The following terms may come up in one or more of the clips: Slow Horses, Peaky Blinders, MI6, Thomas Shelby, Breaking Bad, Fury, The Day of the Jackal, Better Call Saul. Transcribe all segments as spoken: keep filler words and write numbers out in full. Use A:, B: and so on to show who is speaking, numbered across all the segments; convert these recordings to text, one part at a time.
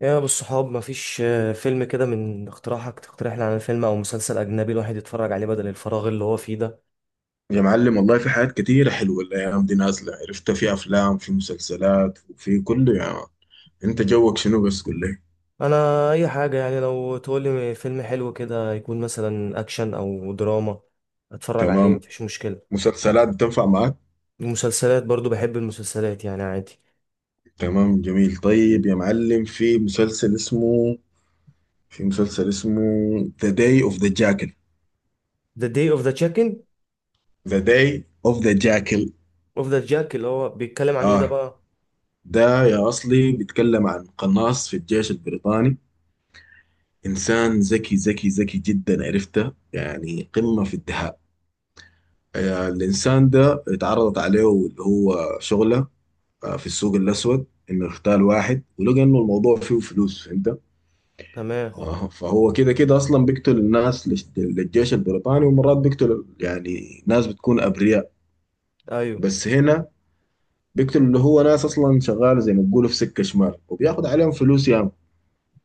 A: يا بالصحاب مفيش آه، فيلم كده من اقتراحك، تقترح لي على فيلم او مسلسل اجنبي الواحد يتفرج عليه بدل الفراغ اللي هو فيه ده.
B: يا معلم والله في حاجات كتيرة حلوة الأيام دي نازلة، عرفتها في أفلام، في مسلسلات، وفي كله يا مان. أنت جوك شنو؟ بس قول لي.
A: انا اي حاجه، يعني لو تقول لي فيلم حلو كده يكون مثلا اكشن او دراما اتفرج عليه
B: تمام.
A: مفيش مشكله.
B: مسلسلات بتنفع معاك؟
A: المسلسلات برضو بحب المسلسلات يعني عادي.
B: تمام، جميل. طيب يا معلم، في مسلسل اسمه في مسلسل اسمه The Day of the Jackal
A: The Day of the Chicken
B: The Day of the Jackal
A: of the Jack اللي هو بيتكلم عن ايه ده
B: آه،
A: بقى؟
B: ده يا أصلي بيتكلم عن قناص في الجيش البريطاني. إنسان ذكي ذكي ذكي جدا، عرفته يعني قمة في الدهاء. آه، الإنسان ده اتعرضت عليه اللي هو شغلة، آه، في السوق الأسود، إنه يختال واحد، ولقى إنه الموضوع فيه فلوس. فهمت؟
A: تمام.
B: آه، فهو كده كده أصلا بيقتل الناس للش- للجيش البريطاني، ومرات بيقتل يعني ناس بتكون أبرياء.
A: ايوه.
B: بس هنا بيقتل اللي هو ناس أصلا شغال زي ما بيقولوا في سكة شمال، وبياخد عليهم فلوس ياما.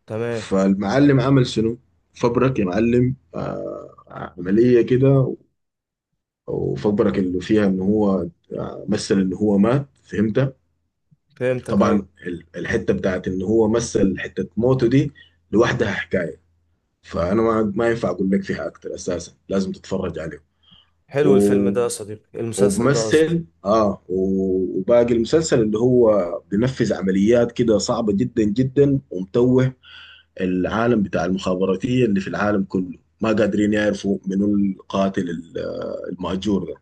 A: تمام.
B: فالمعلم عمل شنو؟ فبرك يا معلم آه، عملية كده، وفبرك اللي فيها إن هو آه، مثل إن هو مات. فهمت؟
A: فهمتك،
B: طبعا
A: ايوه.
B: ال- الحته بتاعت ان هو مثل حته موته دي لوحدها حكايه. فانا ما ما ينفع اقول لك فيها اكتر، اساسا لازم تتفرج عليه.
A: حلو الفيلم
B: و...
A: ده يا صديقي، المسلسل ده قصدي.
B: وبمثل اه و- وباقي المسلسل اللي هو بينفذ عمليات كده صعبة جدا جدا، ومتوه العالم بتاع المخابراتية اللي في العالم كله، ما قادرين يعرفوا منو القاتل ال- آه، المهجور ده.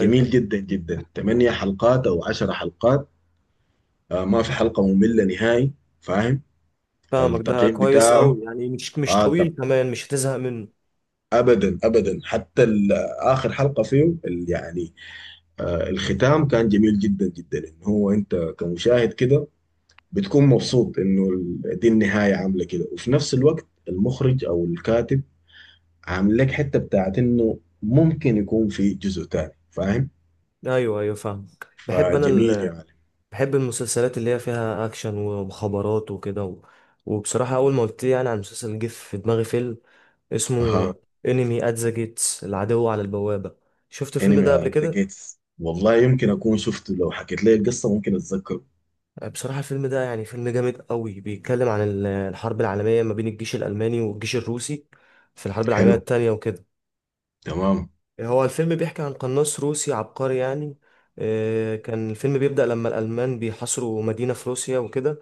B: جميل جدا جدا. ثمانية حلقات او عشرة حلقات. آه، ما في حلقة مملة نهائي. فاهم.
A: فاهمك، ده
B: التقييم
A: كويس
B: بتاعه
A: قوي يعني مش مش
B: آه ت-
A: طويل كمان، مش هتزهق منه.
B: ابدا ابدا، حتى ال- اخر حلقه فيه، ال- يعني آه الختام كان جميل جدا جدا. ان هو انت كمشاهد كده بتكون مبسوط انه ال- دي النهايه عامله كده، وفي نفس الوقت المخرج او الكاتب عامل لك حته بتاعت انه ممكن يكون في جزء تاني. فاهم.
A: ايوه ايوه فاهمك. بحب انا
B: فجميل يا
A: ال...
B: معلم.
A: بحب المسلسلات اللي هي فيها اكشن ومخابرات وكده و... وبصراحه اول ما قلت لي يعني عن مسلسل جه في دماغي فيلم اسمه
B: اها.
A: انمي ات ذا جيتس، العدو على البوابه. شفت الفيلم
B: انمي
A: ده قبل
B: انت
A: كده؟
B: جيتس، والله يمكن اكون شفته، لو حكيت لي القصه ممكن اتذكره.
A: بصراحه الفيلم ده يعني فيلم جامد قوي، بيتكلم عن ال- الحرب العالميه ما بين الجيش الالماني والجيش الروسي في الحرب العالميه
B: حلو.
A: التانية وكده.
B: تمام.
A: هو الفيلم بيحكي عن قناص روسي عبقري يعني. آه، كان الفيلم بيبدأ لما الألمان بيحاصروا مدينة في روسيا وكده،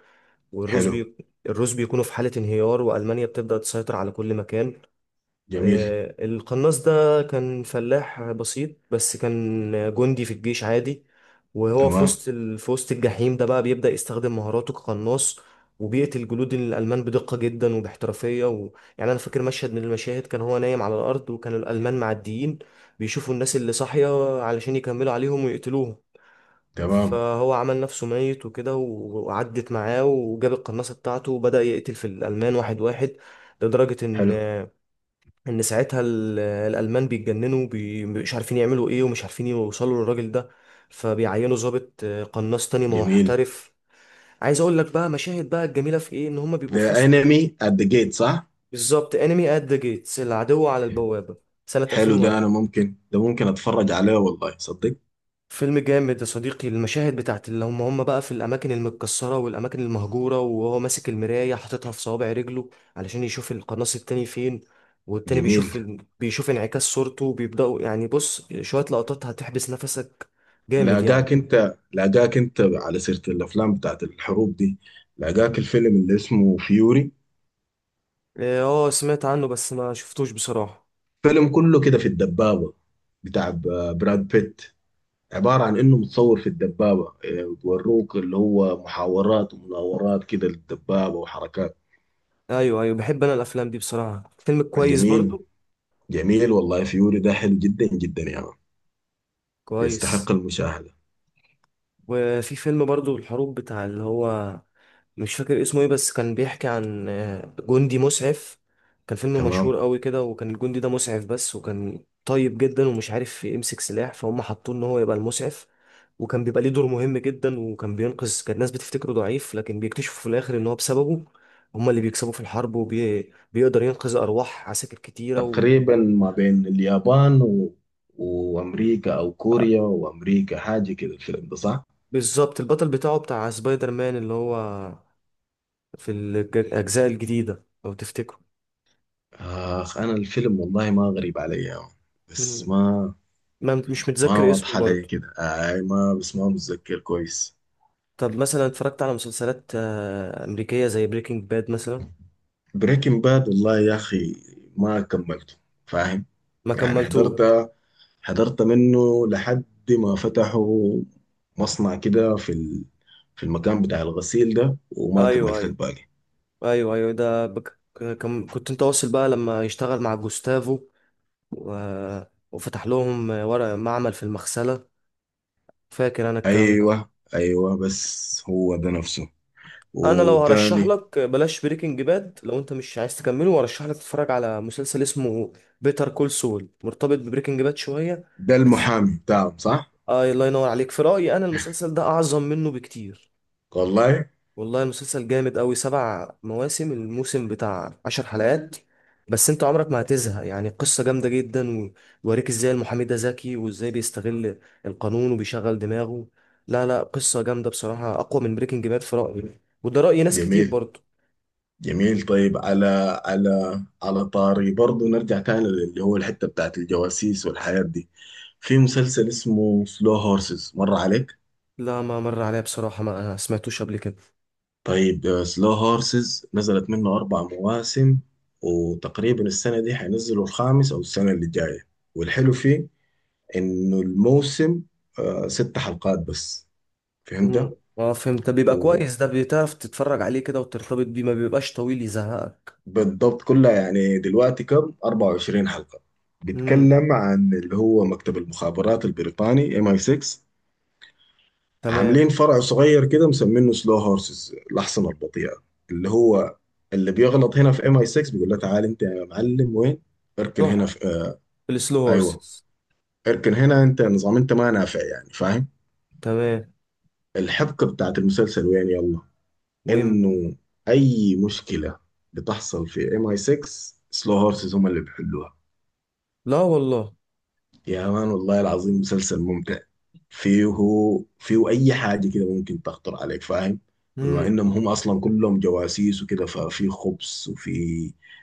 A: والروس
B: حلو.
A: بي... الروس بيكونوا في حالة انهيار وألمانيا بتبدأ تسيطر على كل مكان.
B: جميل.
A: آه، القناص ده كان فلاح بسيط بس كان جندي في الجيش عادي، وهو في
B: تمام.
A: وسط ال- في وسط الجحيم ده بقى بيبدأ يستخدم مهاراته كقناص وبيقتل جنود الألمان بدقة جدا وباحترافية و... يعني أنا فاكر مشهد من المشاهد كان هو نايم على الأرض وكان الألمان معديين بيشوفوا الناس اللي صاحية علشان يكملوا عليهم ويقتلوهم،
B: تمام.
A: فهو عمل نفسه ميت وكده و- وعدت معاه وجاب القناصة بتاعته وبدأ يقتل في الألمان واحد واحد، لدرجة إن
B: حلو.
A: ان ساعتها ال- الالمان بيتجننوا بي- مش عارفين يعملوا ايه ومش عارفين يوصلوا للراجل ده، فبيعينوا ضابط آه، قناص تاني ما هو
B: جميل.
A: محترف. عايز اقول لك بقى مشاهد بقى الجميله في ايه، ان هما بيبقوا في
B: ذا
A: وسط.
B: انمي ات ذا جيت، صح؟
A: بالظبط انمي ات ذا جيتس، العدو على البوابه، سنه
B: حلو ده، انا
A: ألفين وواحد.
B: ممكن ده ممكن اتفرج عليه والله صدق.
A: فيلم جامد يا صديقي، المشاهد بتاعت اللي هم هم بقى في الأماكن المتكسرة والأماكن المهجورة وهو ماسك المراية حاططها في صوابع رجله علشان يشوف القناص التاني فين، والتاني بيشوف،
B: جميل.
A: بيشوف انعكاس صورته وبيبدأوا يعني بص شوية لقطات هتحبس نفسك، جامد يعني.
B: لاقاك انت لاقاك انت على سيرة الافلام بتاعت الحروب دي، لاقاك الفيلم اللي اسمه فيوري؟
A: إيه، اه سمعت عنه بس ما شفتوش بصراحة.
B: فيلم كله كده في الدبابة، بتاع ب- براد بيت. عبارة عن انه متصور في الدبابة، إيه، بوروك اللي هو محاورات ومناورات كده للدبابة وحركات.
A: أيوه أيوه بحب أنا الأفلام دي بصراحة، فيلم كويس
B: جميل.
A: برضو.
B: جميل والله، فيوري ده حلو جدا جدا يا يعني.
A: كويس.
B: يستحق المشاهدة.
A: وفي فيلم برضو الحروب بتاع اللي هو مش فاكر اسمه ايه، بس كان بيحكي عن آه، جندي مسعف. كان فيلم
B: تمام.
A: مشهور قوي كده، وكان الجندي ده مسعف بس وكان طيب جدا ومش عارف يمسك سلاح فهم حطوه ان هو يبقى المسعف، وكان بيبقى ليه دور مهم جدا وكان بينقذ، كان الناس بتفتكره ضعيف لكن بيكتشفوا في الاخر ان هو بسببه هم اللي بيكسبوا في الحرب وبيقدر ينقذ ارواح عساكر كتيرة و...
B: تقريبا ما بين اليابان و... وامريكا، او كوريا وامريكا، حاجه كده الفيلم ده صح؟
A: بالظبط البطل بتاعه بتاع سبايدر مان اللي هو في الج- الاجزاء الجديدة لو تفتكروا.
B: اخ انا الفيلم والله ما غريب علي يا عم. بس
A: مم.
B: ما
A: ما مش
B: ما
A: متذكر اسمه
B: واضحه علي
A: برضه.
B: كده اي ما، بس ما متذكر كويس.
A: طب مثلا اتفرجت على مسلسلات آه، أمريكية زي بريكنج باد مثلا؟
B: بريكنج باد والله يا اخي ما كملته. فاهم؟
A: ما
B: يعني حضرت
A: كملتوش.
B: حضرت منه لحد ما فتحوا مصنع كده في ال... في المكان بتاع الغسيل ده، وما
A: ايوه
B: كملت
A: ايوه.
B: الباقي.
A: ايوه ايوه ده بك... كم... كنت انت واصل بقى لما يشتغل مع جوستافو و... وفتح لهم ورق معمل في المغسلة، فاكر انا الكلام ده.
B: ايوه ايوه، بس هو ده نفسه.
A: انا لو هرشح
B: وتاني؟
A: لك بلاش بريكنج باد، لو انت مش عايز تكمله، وارشح لك تتفرج على مسلسل اسمه بيتر كول سول، مرتبط ببريكنج باد شوية
B: ده
A: بس.
B: المحامي بتاعهم صح؟
A: آه الله ينور عليك، في رأيي أنا المسلسل ده أعظم منه بكتير.
B: والله.
A: والله المسلسل جامد أوي، سبع مواسم، الموسم بتاع عشر حلقات بس، أنت عمرك ما هتزهق يعني، قصة جامدة جدا ويوريك إزاي المحامي ده ذكي وإزاي بيستغل القانون وبيشغل دماغه. لا لا قصة جامدة بصراحة، أقوى من بريكنج باد في رأيي، وده رأي ناس كتير
B: جميل.
A: برضه.
B: جميل. طيب، على على على طاري برضو نرجع تاني اللي هو الحتة بتاعت الجواسيس والحياة دي. في مسلسل اسمه سلو هورسز، مر عليك؟
A: لا ما مر عليا بصراحة، ما سمعتوش قبل كده.
B: طيب سلو هورسز نزلت منه أربع مواسم، وتقريبا السنة دي حينزلوا الخامس أو السنة اللي جاية. والحلو فيه إنه الموسم آه، ست حلقات بس.
A: مم.
B: فهمت.
A: اه فهمت، طب بيبقى كويس ده، بتعرف تتفرج عليه كده وترتبط بيه، ما بيبقاش طويل يزهقك.
B: وبالضبط كلها يعني دلوقتي كم، أربعة وعشرين حلقة.
A: امم.
B: بيتكلم عن اللي هو مكتب المخابرات البريطاني ام اي ستة.
A: تمام.
B: عاملين فرع صغير كده مسمينه سلو هورسز، الأحصنة البطيئة، اللي هو اللي بيغلط هنا في ام اي سكس، بيقول له تعال انت يا معلم وين. اركن هنا
A: روح
B: في آه.
A: السلو
B: ايوه.
A: هورسز.
B: اركن هنا انت نظام انت ما نافع يعني. فاهم.
A: تمام.
B: الحبكة بتاعت المسلسل وين يلا،
A: ويم.
B: انه اي مشكلة بتحصل في ام اي ستة، سلو هورسز هم اللي بيحلوها.
A: لا والله.
B: يا مان والله العظيم مسلسل ممتع. فيه فيه أي حاجة كده ممكن تخطر عليك. فاهم. بما
A: امم.
B: إنهم هم أصلا كلهم جواسيس وكده، ففي خبز، وفي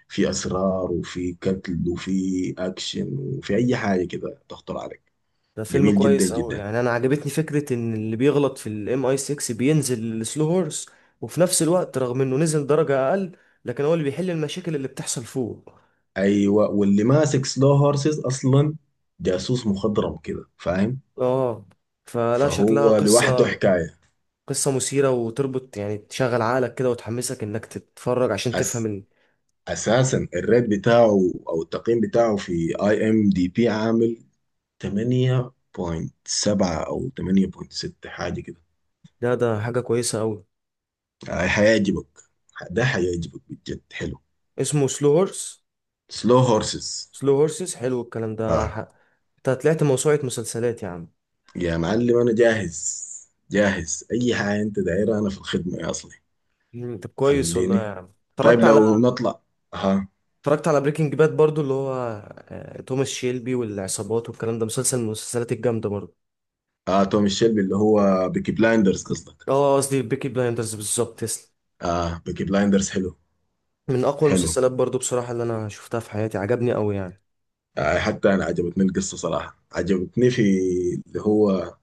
B: في أسرار، وفي قتل، وفي أكشن، وفي أي حاجة كده تخطر عليك.
A: ده فيلم
B: جميل جدا
A: كويس قوي
B: جدا.
A: يعني، انا عجبتني فكره ان اللي بيغلط في الام اي ستة بينزل السلو هورس، وفي نفس الوقت رغم انه نزل درجه اقل لكن هو اللي بيحل المشاكل اللي بتحصل فوق.
B: أيوة، واللي ماسك سلو هورسز أصلا جاسوس مخضرم كده. فاهم.
A: اه فلا شكلها
B: فهو لوحده
A: قصه،
B: حكاية.
A: قصه مثيره وتربط يعني تشغل عقلك كده وتحمسك انك تتفرج عشان تفهم
B: أس
A: ال...
B: أساسا الريت بتاعه أو التقييم بتاعه في اي ام دي بي عامل ثمانية فاصلة سبعة أو ثمانية فاصلة ستة حاجة كده.
A: ده ده حاجه كويسه قوي.
B: آه، هيعجبك. ده هيعجبك بجد، حلو.
A: اسمه سلو هورس؟
B: سلو هورسز.
A: سلو هورسز. حلو الكلام ده
B: اه.
A: ح- انت طلعت موسوعه مسلسلات يا عم.
B: يا معلم أنا جاهز. جاهز أي حاجة أنت دايرها، أنا في الخدمة يا أصلي.
A: مم، طب كويس والله يا
B: خليني.
A: عم.
B: طيب
A: اتفرجت على
B: لو نطلع. ها.
A: اتفرجت على بريكنج باد برضو اللي هو آه، توماس شيلبي والعصابات والكلام ده، مسلسل من المسلسلات الجامدة برضو.
B: آه آه، توم الشلبي اللي هو بيكي بلايندرز قصدك؟
A: اه قصدي بيكي بلايندرز بالظبط، تسلم.
B: اه بيكي بلايندرز حلو.
A: من اقوى
B: حلو.
A: المسلسلات برضو بصراحة اللي انا شفتها في حياتي، عجبني قوي يعني.
B: آه، حتى أنا عجبتني القصة صراحة. عجبتني في اللي هو،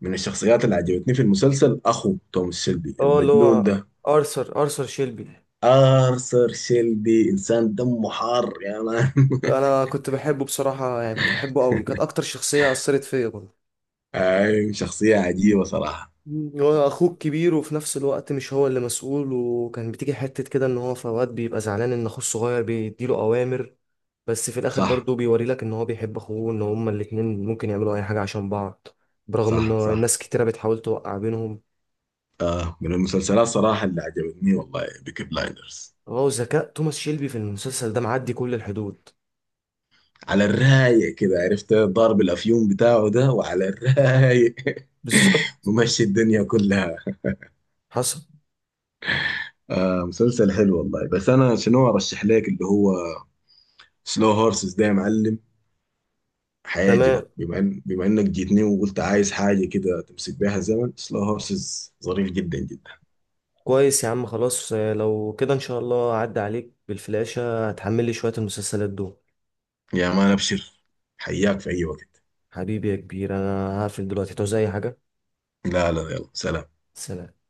B: من الشخصيات اللي عجبتني في المسلسل أخو توماس شيلبي
A: اه اللي
B: المجنون
A: هو
B: ده،
A: ارثر ارثر شيلبي.
B: آرثر شيلبي. إنسان دمه حار يا مان.
A: انا كنت بحبه بصراحة يعني، كنت بحبه قوي، كانت اكتر شخصية اثرت فيا برضو.
B: أيوة، شخصية عجيبة صراحة.
A: مم. هو اخوك كبير وفي نفس الوقت مش هو اللي مسؤول، وكان بتيجي حتة كده ان هو في اوقات بيبقى زعلان ان اخوه الصغير بيديله اوامر، بس في الاخر
B: صح.
A: برضه بيوري لك ان هو بيحب اخوه، ان هما الاتنين ممكن يعملوا اي حاجه عشان بعض برغم ان
B: صح. صح.
A: الناس كتيره بتحاول توقع بينهم.
B: آه، من المسلسلات صراحة اللي عجبتني والله بيكي بلايندرز.
A: هو ذكاء توماس شيلبي في المسلسل ده معدي كل الحدود.
B: على الرايق كده عرفت ضارب الأفيون بتاعه ده، وعلى الرايق.
A: بالظبط.
B: ممشي الدنيا كلها.
A: حصل.
B: آه مسلسل حلو والله. بس أنا شنو أرشح لك اللي هو سلو هورسز ده يا معلم، هيعجبك.
A: تمام
B: بما إن بما إنك جيتني وقلت عايز حاجة كده تمسك بيها الزمن، سلو هورسز ظريف جدا جدا.
A: كويس يا عم خلاص، آه، لو كده ان شاء الله اعدي عليك بالفلاشة هتحمل لي شوية المسلسلات دول.
B: يا مان أبشر. حياك في أي وقت.
A: حبيبي يا كبير انا هقفل دلوقتي، تعوز اي حاجة؟
B: لا لا، يلا سلام.
A: سلام.